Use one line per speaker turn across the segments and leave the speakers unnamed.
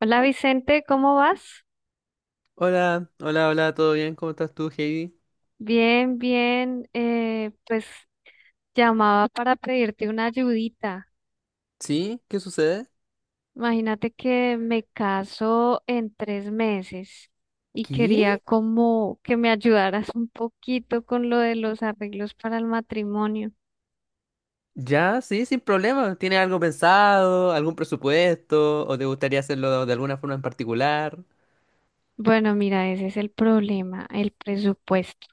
Hola Vicente, ¿cómo vas?
Hola, hola, hola, ¿todo bien? ¿Cómo estás tú, Heidi?
Bien, bien. Pues llamaba para pedirte una ayudita.
¿Sí? ¿Qué sucede?
Imagínate que me caso en 3 meses y quería
¿Qué?
como que me ayudaras un poquito con lo de los arreglos para el matrimonio.
Ya, sí, sin problema. ¿Tienes algo pensado, algún presupuesto o te gustaría hacerlo de alguna forma en particular?
Bueno, mira, ese es el problema, el presupuesto.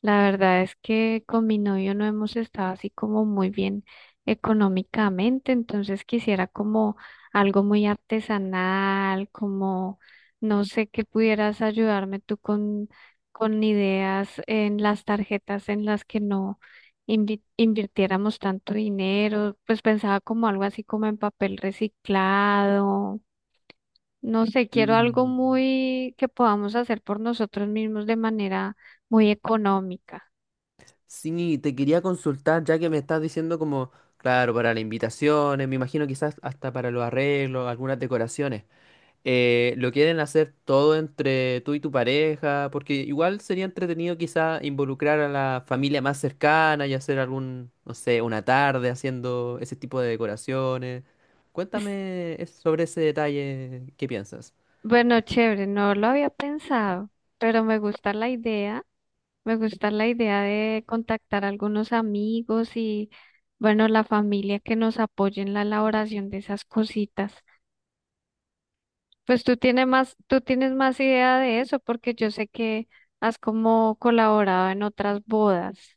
La verdad es que con mi novio no hemos estado así como muy bien económicamente, entonces quisiera como algo muy artesanal, como no sé qué pudieras ayudarme tú con ideas en las tarjetas en las que no invirtiéramos tanto dinero, pues pensaba como algo así como en papel reciclado, no sé, quiero algo
Mm.
muy que podamos hacer por nosotros mismos de manera muy económica.
Sí, te quería consultar, ya que me estás diciendo como, claro, para las invitaciones, me imagino quizás hasta para los arreglos, algunas decoraciones. Lo quieren hacer todo entre tú y tu pareja, porque igual sería entretenido quizá involucrar a la familia más cercana y hacer algún, no sé, una tarde haciendo ese tipo de decoraciones.
Es-
Cuéntame sobre ese detalle, ¿qué piensas?
Bueno, chévere, no lo había pensado, pero me gusta la idea, me gusta la idea de contactar a algunos amigos y, bueno, la familia que nos apoye en la elaboración de esas cositas. Pues tú tienes más idea de eso porque yo sé que has como colaborado en otras bodas.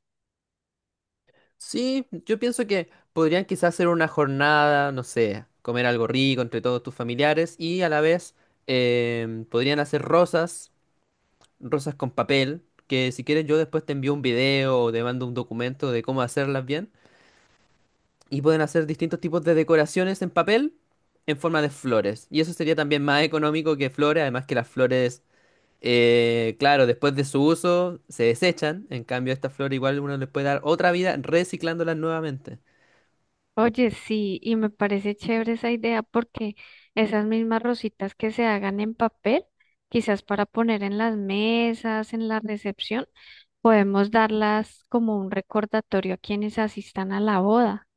Sí, yo pienso que podrían quizás hacer una jornada, no sé, comer algo rico entre todos tus familiares y a la vez podrían hacer rosas con papel, que si quieres yo después te envío un video o te mando un documento de cómo hacerlas bien. Y pueden hacer distintos tipos de decoraciones en papel en forma de flores. Y eso sería también más económico que flores, además que las flores, claro, después de su uso se desechan. En cambio, esta flor igual uno le puede dar otra vida reciclándolas nuevamente.
Oye, sí, y me parece chévere esa idea porque esas mismas rositas que se hagan en papel, quizás para poner en las mesas, en la recepción, podemos darlas como un recordatorio a quienes asistan a la boda.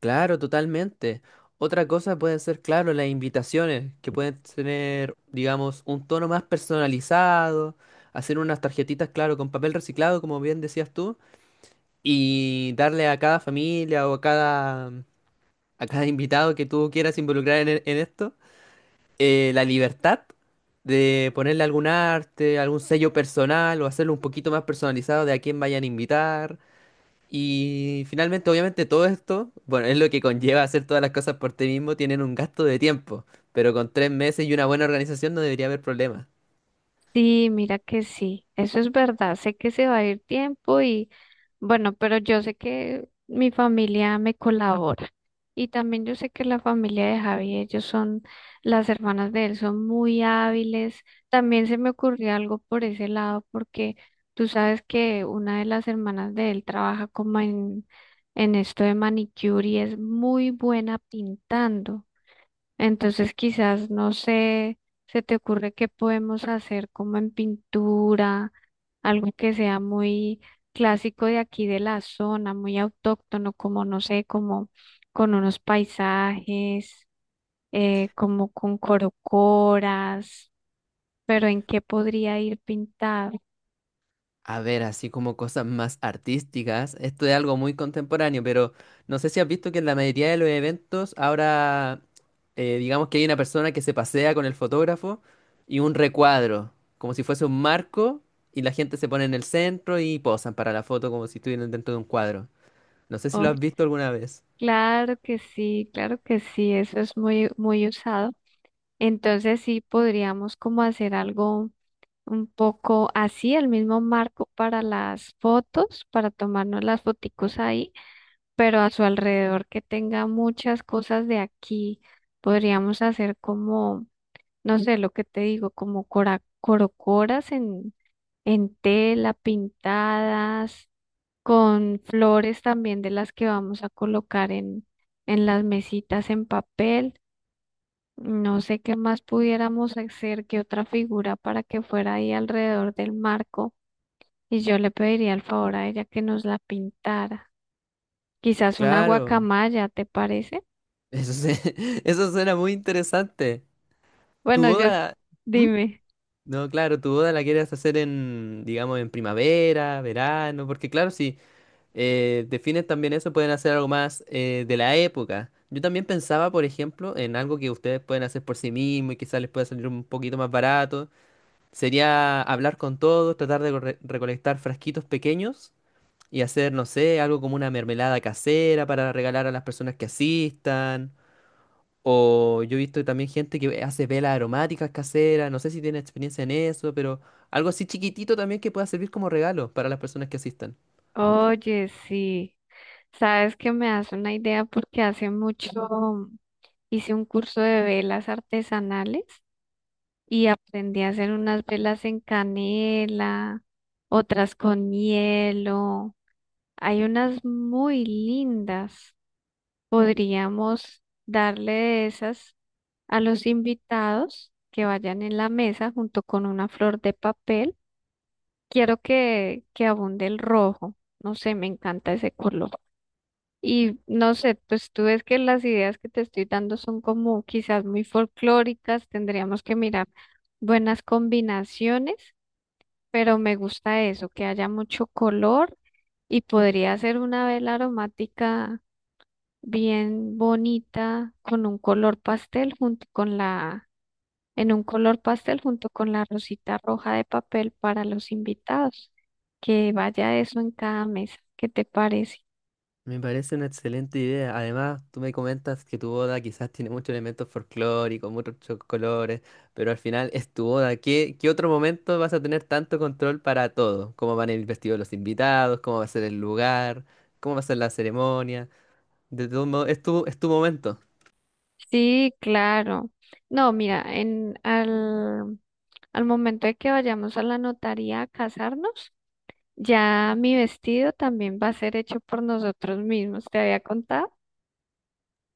Claro, totalmente. Otra cosa pueden ser, claro, las invitaciones, que pueden tener, digamos, un tono más personalizado, hacer unas tarjetitas, claro, con papel reciclado, como bien decías tú, y darle a cada familia o a cada invitado que tú quieras involucrar en, en esto, la libertad de ponerle algún arte, algún sello personal o hacerlo un poquito más personalizado de a quién vayan a invitar. Y finalmente, obviamente, todo esto, bueno, es lo que conlleva hacer todas las cosas por ti mismo, tienen un gasto de tiempo, pero con 3 meses y una buena organización no debería haber problema.
Sí, mira que sí, eso es verdad, sé que se va a ir tiempo y bueno, pero yo sé que mi familia me colabora y también yo sé que la familia de Javi, ellos son, las hermanas de él son muy hábiles, también se me ocurrió algo por ese lado porque tú sabes que una de las hermanas de él trabaja como en esto de manicure y es muy buena pintando. Entonces, quizás, no sé, se te ocurre qué podemos hacer como en pintura, algo que sea muy clásico de aquí de la zona, muy autóctono, como, no sé, como con unos paisajes, como con corocoras, pero ¿en qué podría ir pintado?
A ver, así como cosas más artísticas, esto es algo muy contemporáneo, pero no sé si has visto que en la mayoría de los eventos ahora, digamos que hay una persona que se pasea con el fotógrafo y un recuadro, como si fuese un marco, y la gente se pone en el centro y posan para la foto como si estuvieran dentro de un cuadro. No sé si lo
Oh,
has visto alguna vez.
claro que sí, eso es muy, muy usado. Entonces, sí podríamos como hacer algo un poco así, el mismo marco para las fotos, para tomarnos las foticos ahí, pero a su alrededor que tenga muchas cosas de aquí. Podríamos hacer como, no sé, lo que te digo, como corocoras en tela, pintadas, con flores también de las que vamos a colocar en las mesitas en papel. No sé qué más pudiéramos hacer, qué otra figura para que fuera ahí alrededor del marco. Y yo le pediría el favor a ella que nos la pintara. Quizás una
Claro.
guacamaya, ¿te parece?
Eso, eso suena muy interesante. ¿Tu
Bueno, yo,
boda? ¿Mm?
dime.
No, claro, tu boda la quieres hacer en, digamos, en primavera, verano, porque claro, si defines también eso, pueden hacer algo más de la época. Yo también pensaba, por ejemplo, en algo que ustedes pueden hacer por sí mismos y quizás les pueda salir un poquito más barato. Sería hablar con todos, tratar de recolectar frasquitos pequeños y hacer, no sé, algo como una mermelada casera para regalar a las personas que asistan o yo he visto también gente que hace velas aromáticas caseras, no sé si tiene experiencia en eso, pero algo así chiquitito también que pueda servir como regalo para las personas que asistan.
Oye, sí. Sabes que me das una idea porque hace mucho hice un curso de velas artesanales y aprendí a hacer unas velas en canela, otras con hielo. Hay unas muy lindas. Podríamos darle de esas a los invitados que vayan en la mesa junto con una flor de papel, quiero que abunde el rojo. No sé, me encanta ese color. Y no sé, pues tú ves que las ideas que te estoy dando son como quizás muy folclóricas, tendríamos que mirar buenas combinaciones, pero me gusta eso, que haya mucho color y podría ser una vela aromática bien bonita con un color pastel junto con la en un color pastel junto con la rosita roja de papel para los invitados. Que vaya eso en cada mesa. ¿Qué te parece?
Me parece una excelente idea. Además, tú me comentas que tu boda quizás tiene muchos elementos folclóricos, muchos colores, pero al final es tu boda. ¿Qué, qué otro momento vas a tener tanto control para todo? ¿Cómo van a ir vestidos los invitados? ¿Cómo va a ser el lugar? ¿Cómo va a ser la ceremonia? De todo modo, es tu momento.
Sí, claro. No, mira, en al, al momento de que vayamos a la notaría a casarnos, ya mi vestido también va a ser hecho por nosotros mismos. ¿Te había contado?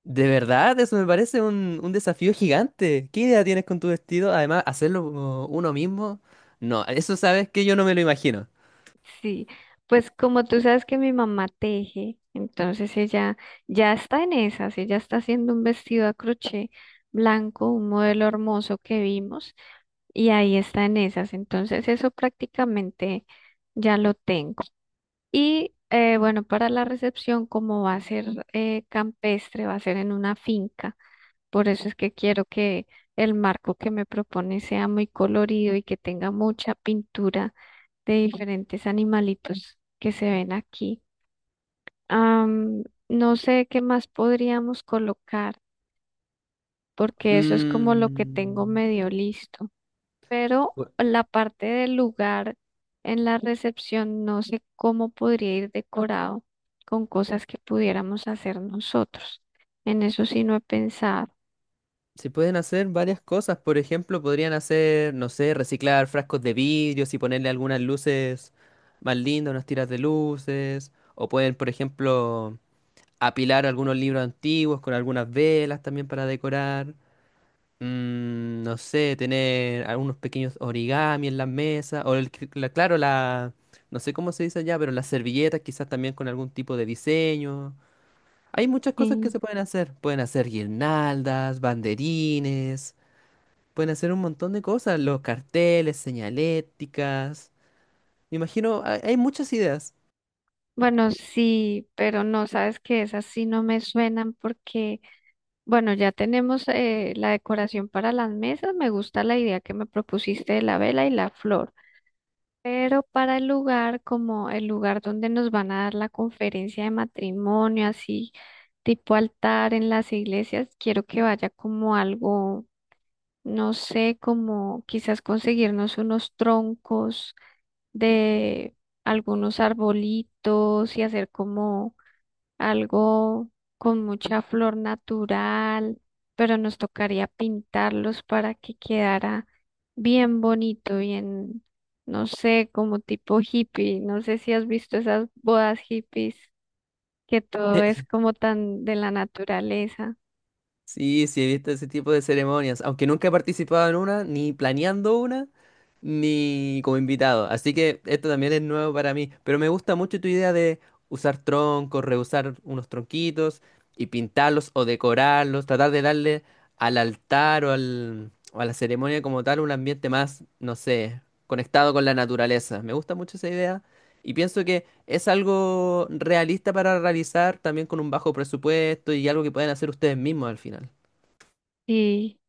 De verdad, eso me parece un desafío gigante. ¿Qué idea tienes con tu vestido? Además, hacerlo como uno mismo. No, eso sabes que yo no me lo imagino.
Sí, pues como tú sabes que mi mamá teje, entonces ella ya está en esas, ella está haciendo un vestido a crochet blanco, un modelo hermoso que vimos, y ahí está en esas, entonces eso prácticamente ya lo tengo. Y bueno, para la recepción, como va a ser campestre, va a ser en una finca, por eso es que quiero que el marco que me propone sea muy colorido y que tenga mucha pintura de diferentes animalitos que se ven aquí. Am, no sé qué más podríamos colocar, porque eso es como lo que tengo
Mm,
medio listo. Pero
bu-
la parte del lugar en la recepción, no sé cómo podría ir decorado con cosas que pudiéramos hacer nosotros. En eso sí no he pensado.
Se pueden hacer varias cosas. Por ejemplo, podrían hacer, no sé, reciclar frascos de vidrios y ponerle algunas luces más lindas, unas tiras de luces. O pueden, por ejemplo, apilar algunos libros antiguos con algunas velas también para decorar. No sé, tener algunos pequeños origami en las mesas, o el, claro, la, no sé cómo se dice allá, pero las servilletas quizás también con algún tipo de diseño. Hay muchas cosas que
Sí.
se pueden hacer. Pueden hacer guirnaldas, banderines, pueden hacer un montón de cosas, los carteles, señaléticas. Me imagino, hay muchas ideas.
Bueno, sí, pero no, sabes que esas sí no me suenan porque bueno, ya tenemos la decoración para las mesas. Me gusta la idea que me propusiste de la vela y la flor. Pero para el lugar, como el lugar donde nos van a dar la conferencia de matrimonio, así tipo altar en las iglesias, quiero que vaya como algo, no sé, como quizás conseguirnos unos troncos de algunos arbolitos y hacer como algo con mucha flor natural, pero nos tocaría pintarlos para que quedara bien bonito, bien, no sé, como tipo hippie. No sé si has visto esas bodas hippies, que todo es como tan de la naturaleza.
Sí, sí, he visto ese tipo de ceremonias, aunque nunca he participado en una, ni planeando una, ni como invitado. Así que esto también es nuevo para mí, pero me gusta mucho tu idea de usar troncos, reusar unos tronquitos y pintarlos o decorarlos, tratar de darle al altar o, al, o a la ceremonia como tal un ambiente más, no sé, conectado con la naturaleza. Me gusta mucho esa idea y pienso que es algo realista para realizar también con un bajo presupuesto y algo que pueden hacer ustedes mismos al final.
Sí,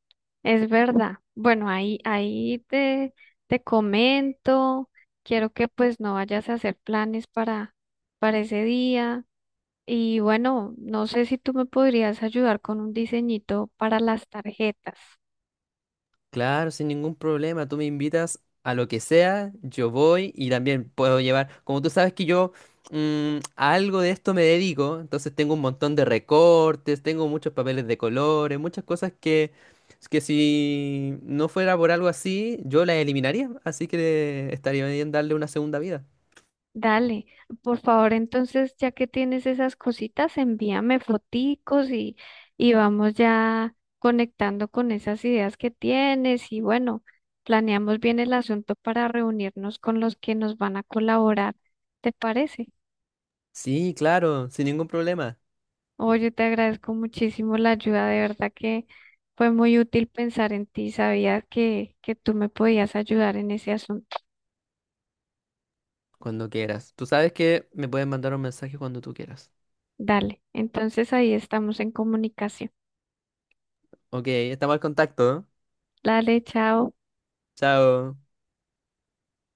es verdad. Bueno, ahí, ahí te, te comento. Quiero que pues no vayas a hacer planes para ese día. Y bueno, no sé si tú me podrías ayudar con un diseñito para las tarjetas.
Claro, sin ningún problema, tú me invitas a lo que sea, yo voy y también puedo llevar, como tú sabes que yo a algo de esto me dedico, entonces tengo un montón de recortes, tengo muchos papeles de colores, muchas cosas que si no fuera por algo así, yo las eliminaría, así que estaría bien darle una segunda vida.
Dale, por favor, entonces, ya que tienes esas cositas, envíame foticos y vamos ya conectando con esas ideas que tienes. Y bueno, planeamos bien el asunto para reunirnos con los que nos van a colaborar. ¿Te parece?
Sí, claro, sin ningún problema.
Oye, te agradezco muchísimo la ayuda, de verdad que fue muy útil pensar en ti. Sabía que tú me podías ayudar en ese asunto.
Cuando quieras. Tú sabes que me puedes mandar un mensaje cuando tú quieras.
Dale, entonces ahí estamos en comunicación.
Ok, estamos al contacto.
Dale, chao.
Chao.